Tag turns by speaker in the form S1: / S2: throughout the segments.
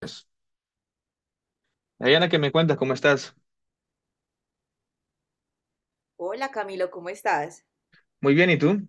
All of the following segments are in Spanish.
S1: Pues, Dayana, ¿qué me cuentas? ¿Cómo estás?
S2: Hola Camilo, ¿cómo estás?
S1: Muy bien, ¿y tú?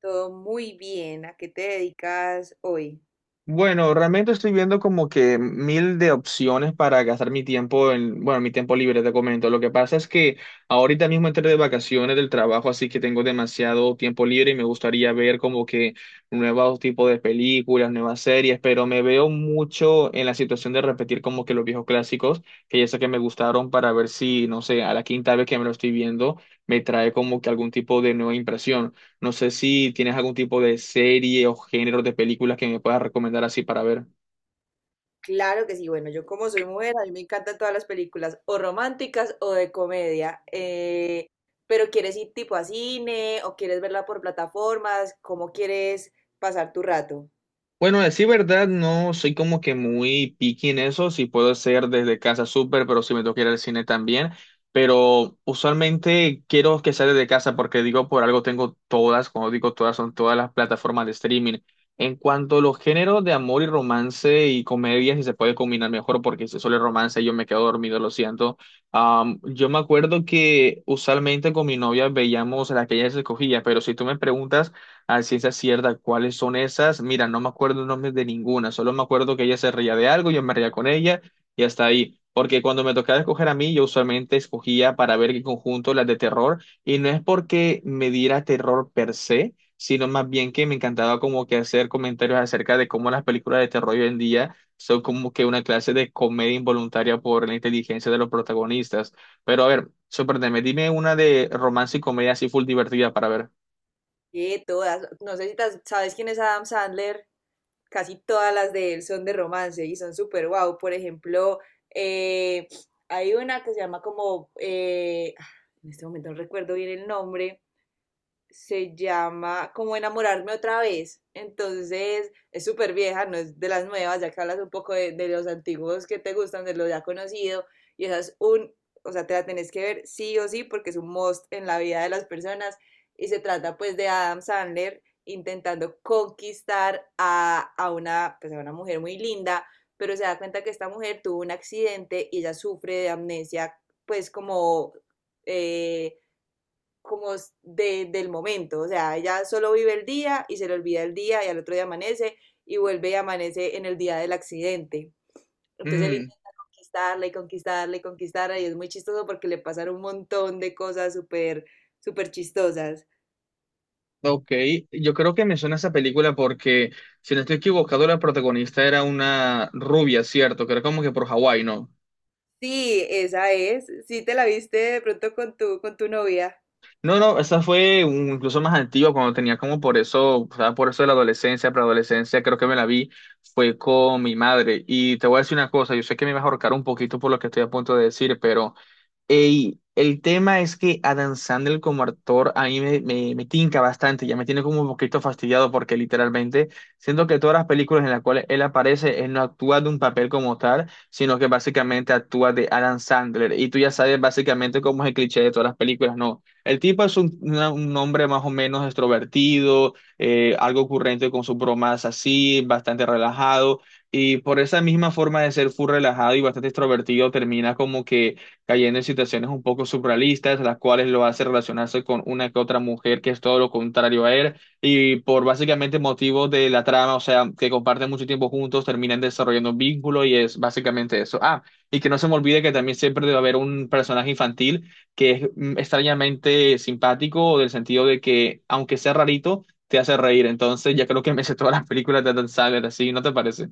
S2: Todo muy bien. ¿A qué te dedicas hoy?
S1: Bueno, realmente estoy viendo como que mil de opciones para gastar mi tiempo en, bueno, mi tiempo libre, te comento. Lo que pasa es que ahorita mismo entré de vacaciones del trabajo, así que tengo demasiado tiempo libre y me gustaría ver como que nuevos tipos de películas, nuevas series, pero me veo mucho en la situación de repetir como que los viejos clásicos, que ya sé que me gustaron para ver si, no sé, a la quinta vez que me lo estoy viendo, me trae como que algún tipo de nueva impresión. No sé si tienes algún tipo de serie o género de películas que me puedas recomendar así para ver.
S2: Claro que sí. Bueno, yo como soy mujer, a mí me encantan todas las películas, o románticas o de comedia. Pero ¿quieres ir tipo a cine o quieres verla por plataformas? ¿Cómo quieres pasar tu rato?
S1: Bueno, a decir verdad, no soy como que muy picky en eso, si puedo hacer desde casa súper, pero si me tengo ir al cine también, pero usualmente quiero que sea desde casa porque digo, por algo tengo todas, cuando digo todas, son todas las plataformas de streaming. En cuanto a los géneros de amor y romance y comedia, si se puede combinar mejor, porque si solo es romance yo me quedo dormido, lo siento. Yo me acuerdo que usualmente con mi novia veíamos las que ella se escogía, pero si tú me preguntas a ciencia cierta cuáles son esas. Mira, no me acuerdo el nombre de ninguna, solo me acuerdo que ella se reía de algo, yo me reía con ella y hasta ahí. Porque cuando me tocaba escoger a mí, yo usualmente escogía para ver qué conjunto las de terror y no es porque me diera terror per se, sino más bien que me encantaba como que hacer comentarios acerca de cómo las películas de terror hoy en día son como que una clase de comedia involuntaria por la inteligencia de los protagonistas. Pero a ver, sorpréndeme, dime una de romance y comedia así full divertida para
S2: Todas. No sé si sabes quién es Adam Sandler. Casi todas las de él son de romance y son súper guau. Por ejemplo, eh, hay una que se llama como, en este momento no recuerdo bien el nombre, se llama como enamorarme otra vez. Entonces es súper vieja, no es de las nuevas, ya que hablas un poco de los antiguos que te gustan, de lo ya conocido. Y esa es un, o sea, te la tenés que ver sí o sí porque es un must en la vida de las personas. Y se trata pues de Adam Sandler intentando conquistar a una, pues, a una mujer muy linda, pero se da cuenta que esta mujer tuvo un accidente y ella sufre de amnesia, pues como... eh, como del momento, o sea, ella solo vive el día y se le olvida el día y al otro día amanece y vuelve y amanece en el día del accidente. Entonces él
S1: ver.
S2: intenta conquistarla y conquistarla y conquistarla y es muy chistoso porque le pasan un montón de cosas súper, súper chistosas.
S1: Ok, yo creo que me suena esa película porque, si no estoy equivocado, la protagonista era una rubia, ¿cierto? Que era como que por Hawái, ¿no?
S2: Sí, esa es. Sí, te la viste de pronto con tu novia.
S1: No, no, esa fue incluso más antigua, cuando tenía como por eso, o sea, por eso de la adolescencia, preadolescencia, creo que me la vi, fue con mi madre. Y te voy a decir una cosa, yo sé que me vas a ahorcar un poquito por lo que estoy a punto de decir, pero ey, el tema es que Adam Sandler como actor a mí me tinca bastante, ya me tiene como un poquito fastidiado porque literalmente siento que todas las películas en las cuales él aparece, él no actúa de un papel como tal, sino que básicamente actúa de Adam Sandler. Y tú ya sabes básicamente cómo es el cliché de todas las películas, ¿no? El tipo es un hombre más o menos extrovertido, algo ocurrente con sus bromas así, bastante relajado. Y por esa misma forma de ser full relajado y bastante extrovertido, termina como que cayendo en situaciones un poco surrealistas, las cuales lo hace relacionarse con una que otra mujer que es todo lo contrario a él, y por básicamente motivos de la trama, o sea, que comparten mucho tiempo juntos, terminan desarrollando un vínculo y es básicamente eso. Ah, y que no se me olvide que también siempre debe haber un personaje infantil que es extrañamente simpático, del sentido de que, aunque sea rarito, te hace reír. Entonces, ya creo que me sé todas las películas de Adam Sandler, así, ¿no te parece?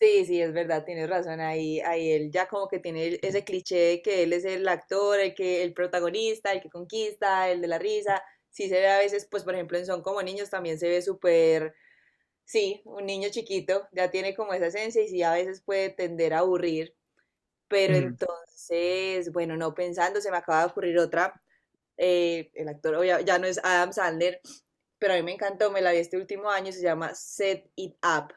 S2: Sí, sí, es verdad, tienes razón. Ahí, ahí él ya como que tiene ese cliché de que él es el actor, el que, el protagonista, el que conquista, el de la risa. Sí se ve a veces, pues por ejemplo en Son como niños también se ve súper, sí, un niño chiquito, ya tiene como esa esencia y sí a veces puede tender a aburrir. Pero entonces, bueno, no pensando, se me acaba de ocurrir otra. El actor ya no es Adam Sandler, pero a mí me encantó, me la vi este último año, se llama Set It Up,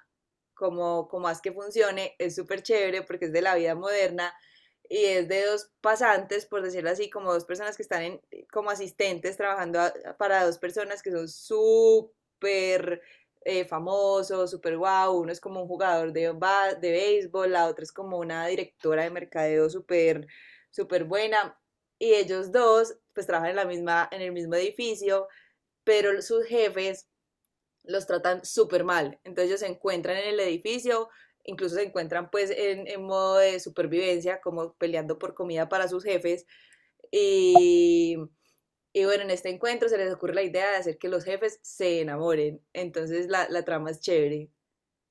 S2: como, como haz que funcione, es súper chévere porque es de la vida moderna y es de dos pasantes, por decirlo así, como dos personas que están en, como asistentes trabajando para dos personas que son súper famosos, súper guau, wow. Uno es como un jugador de, de béisbol, la otra es como una directora de mercadeo súper, súper buena y ellos dos pues trabajan en la misma, en el mismo edificio, pero sus jefes los tratan súper mal. Entonces ellos se encuentran en el edificio, incluso se encuentran pues en, modo de supervivencia, como peleando por comida para sus jefes. Y, y, bueno, en este encuentro se les ocurre la idea de hacer que los jefes se enamoren. Entonces la trama es chévere.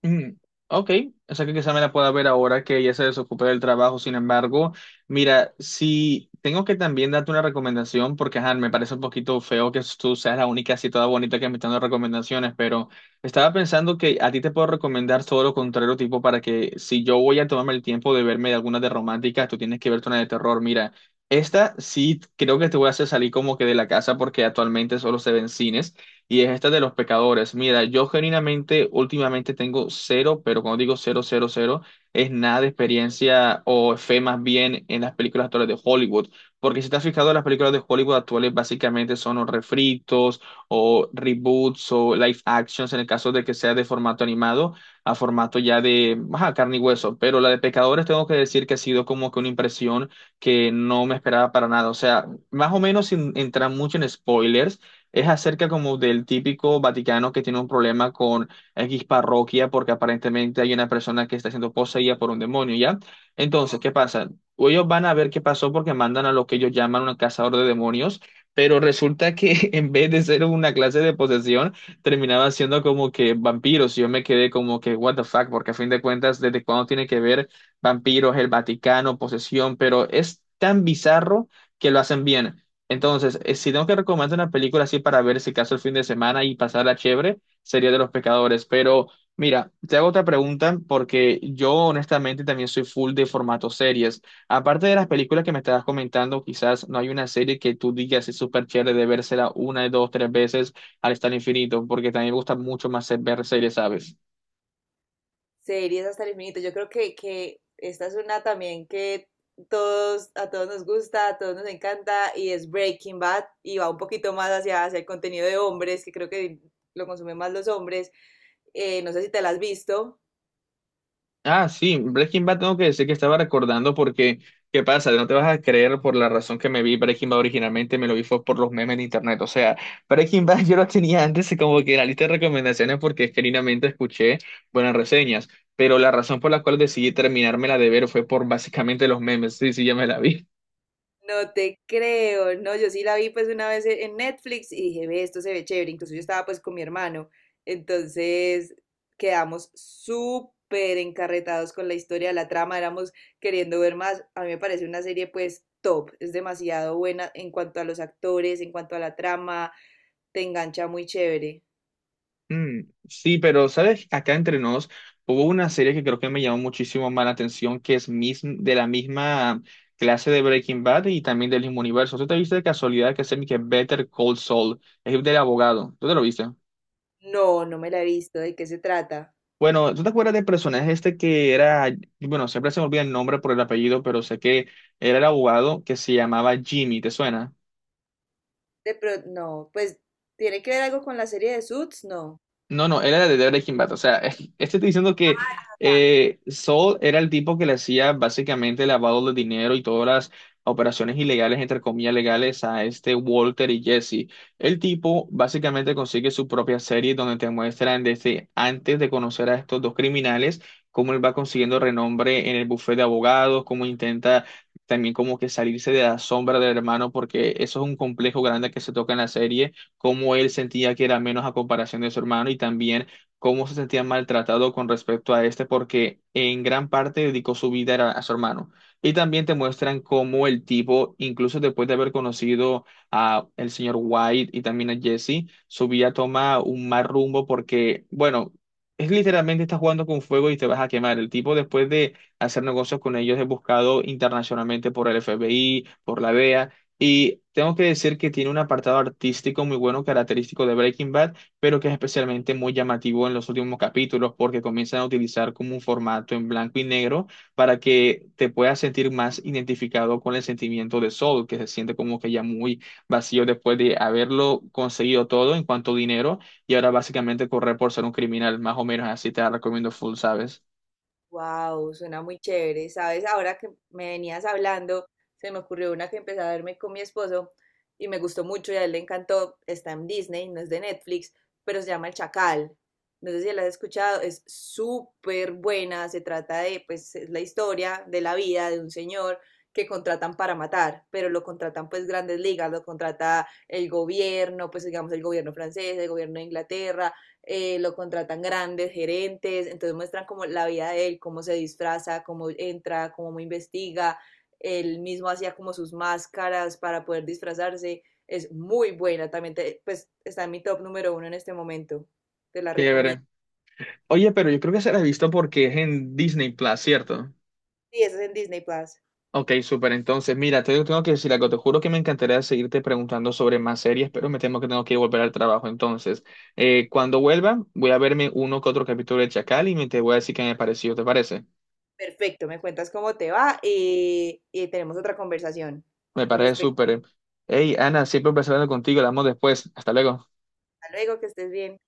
S1: Mm, ok, o sea que quizá me la pueda ver ahora que ella se desocupe del trabajo. Sin embargo, mira, si tengo que también darte una recomendación, porque ajá, me parece un poquito feo que tú seas la única así toda bonita que me está dando recomendaciones, pero estaba pensando que a ti te puedo recomendar todo lo contrario, tipo para que si yo voy a tomarme el tiempo de verme de alguna de románticas, tú tienes que verte una de terror. Mira, esta sí creo que te voy a hacer salir como que de la casa porque actualmente solo se ven cines y es esta de los pecadores. Mira, yo genuinamente últimamente tengo cero, pero cuando digo cero, cero, cero, es nada de experiencia o fe más bien en las películas actuales de Hollywood. Porque si te has fijado, las películas de Hollywood actuales básicamente son o refritos o reboots o live actions en el caso de que sea de formato animado a formato ya de ajá, carne y hueso. Pero la de pecadores tengo que decir que ha sido como que una impresión que no me esperaba para nada. O sea, más o menos sin entrar mucho en spoilers es acerca como del típico Vaticano que tiene un problema con X parroquia porque aparentemente hay una persona que está siendo poseída por un demonio, ¿ya? Entonces, ¿qué pasa? Ellos van a ver qué pasó porque mandan a lo que ellos llaman un cazador de demonios, pero resulta que en vez de ser una clase de posesión, terminaba siendo como que vampiros. Y yo me quedé como que, what the fuck, porque a fin de cuentas, ¿desde cuándo tiene que ver vampiros, el Vaticano, posesión? Pero es tan bizarro que lo hacen bien. Entonces, si tengo que recomendar una película así para ver si caso el fin de semana y pasarla chévere, sería de Los Pecadores. Pero mira, te hago otra pregunta porque yo honestamente también soy full de formato series. Aparte de las películas que me estabas comentando, quizás no hay una serie que tú digas es súper chévere de vérsela una, dos, tres veces al estar infinito, porque también me gusta mucho más ver series, ¿sabes?
S2: Series hasta el infinito. Yo creo que esta es una también que todos, a todos nos gusta, a todos nos encanta y es Breaking Bad y va un poquito más hacia, hacia el contenido de hombres, que creo que lo consumen más los hombres. No sé si te la has visto.
S1: Ah, sí, Breaking Bad tengo que decir que estaba recordando porque, ¿qué pasa? No te vas a creer por la razón que me vi Breaking Bad originalmente, me lo vi fue por los memes en internet. O sea, Breaking Bad yo lo tenía antes y como que en la lista de recomendaciones porque genuinamente escuché buenas reseñas, pero la razón por la cual decidí terminármela de ver fue por básicamente los memes. Sí, sí, ya me la vi.
S2: No te creo, no, yo sí la vi pues una vez en Netflix y dije, ve, esto se ve chévere, incluso yo estaba pues con mi hermano, entonces quedamos súper encarretados con la historia, la trama, éramos queriendo ver más, a mí me parece una serie pues top, es demasiado buena en cuanto a los actores, en cuanto a la trama, te engancha muy chévere.
S1: Mm, sí, pero sabes, acá entre nos hubo una serie que creo que me llamó muchísimo más la atención, que es de la misma clase de Breaking Bad y también del mismo universo. ¿Tú te viste de casualidad que Better Call Saul? Es del abogado. ¿Tú te lo viste?
S2: No, no me la he visto, ¿de qué se trata?
S1: Bueno, ¿tú te acuerdas del personaje este que era, bueno, siempre se me olvida el nombre por el apellido, pero sé que era el abogado que se llamaba Jimmy, ¿te suena?
S2: No, pues tiene que ver algo con la serie de Suits, no.
S1: No, no, él era de Breaking Bad. O sea, este estoy diciendo que Saul era el tipo que le hacía básicamente lavado de dinero y todas las operaciones ilegales, entre comillas, legales a este Walter y Jesse. El tipo básicamente consigue su propia serie donde te muestran desde antes de conocer a estos dos criminales, cómo él va consiguiendo renombre en el bufete de abogados, cómo intenta también como que salirse de la sombra del hermano, porque eso es un complejo grande que se toca en la serie cómo él sentía que era menos a comparación de su hermano y también cómo se sentía maltratado con respecto a este, porque en gran parte dedicó su vida era a su hermano. Y también te muestran cómo el tipo, incluso después de haber conocido a el señor White y también a Jesse, su vida toma un mal rumbo porque, bueno, es literalmente estás jugando con fuego y te vas a quemar. El tipo, después de hacer negocios con ellos, es buscado internacionalmente por el FBI, por la DEA. Y tengo que decir que tiene un apartado artístico muy bueno, característico de Breaking Bad, pero que es especialmente muy llamativo en los últimos capítulos porque comienzan a utilizar como un formato en blanco y negro para que te puedas sentir más identificado con el sentimiento de Saul, que se siente como que ya muy vacío después de haberlo conseguido todo en cuanto a dinero y ahora básicamente correr por ser un criminal, más o menos así te la recomiendo full, ¿sabes?
S2: Wow, suena muy chévere. Sabes, ahora que me venías hablando, se me ocurrió una que empecé a verme con mi esposo y me gustó mucho y a él le encantó. Está en Disney, no es de Netflix, pero se llama El Chacal. No sé si la has escuchado, es súper buena. Se trata de, pues, es la historia de la vida de un señor que contratan para matar, pero lo contratan pues grandes ligas, lo contrata el gobierno, pues digamos el gobierno francés, el gobierno de Inglaterra, lo contratan grandes gerentes, entonces muestran como la vida de él, cómo se disfraza, cómo entra, cómo investiga, él mismo hacía como sus máscaras para poder disfrazarse, es muy buena, también pues está en mi top número uno en este momento, te la recomiendo.
S1: Chévere. Oye, pero yo creo que se la he visto porque es en Disney Plus, ¿cierto?
S2: Sí, esa es en Disney Plus.
S1: Ok, súper. Entonces, mira, te tengo que decir algo. Te juro que me encantaría seguirte preguntando sobre más series, pero me temo que tengo que volver al trabajo. Entonces, cuando vuelva, voy a verme uno que otro capítulo de Chacal y me te voy a decir qué me pareció. ¿Te parece?
S2: Perfecto, me cuentas cómo te va y tenemos otra conversación
S1: Me
S2: con
S1: parece
S2: respecto
S1: súper. Hey, Ana, siempre un placer hablar contigo. Hablamos después. Hasta luego.
S2: a luego, que estés bien.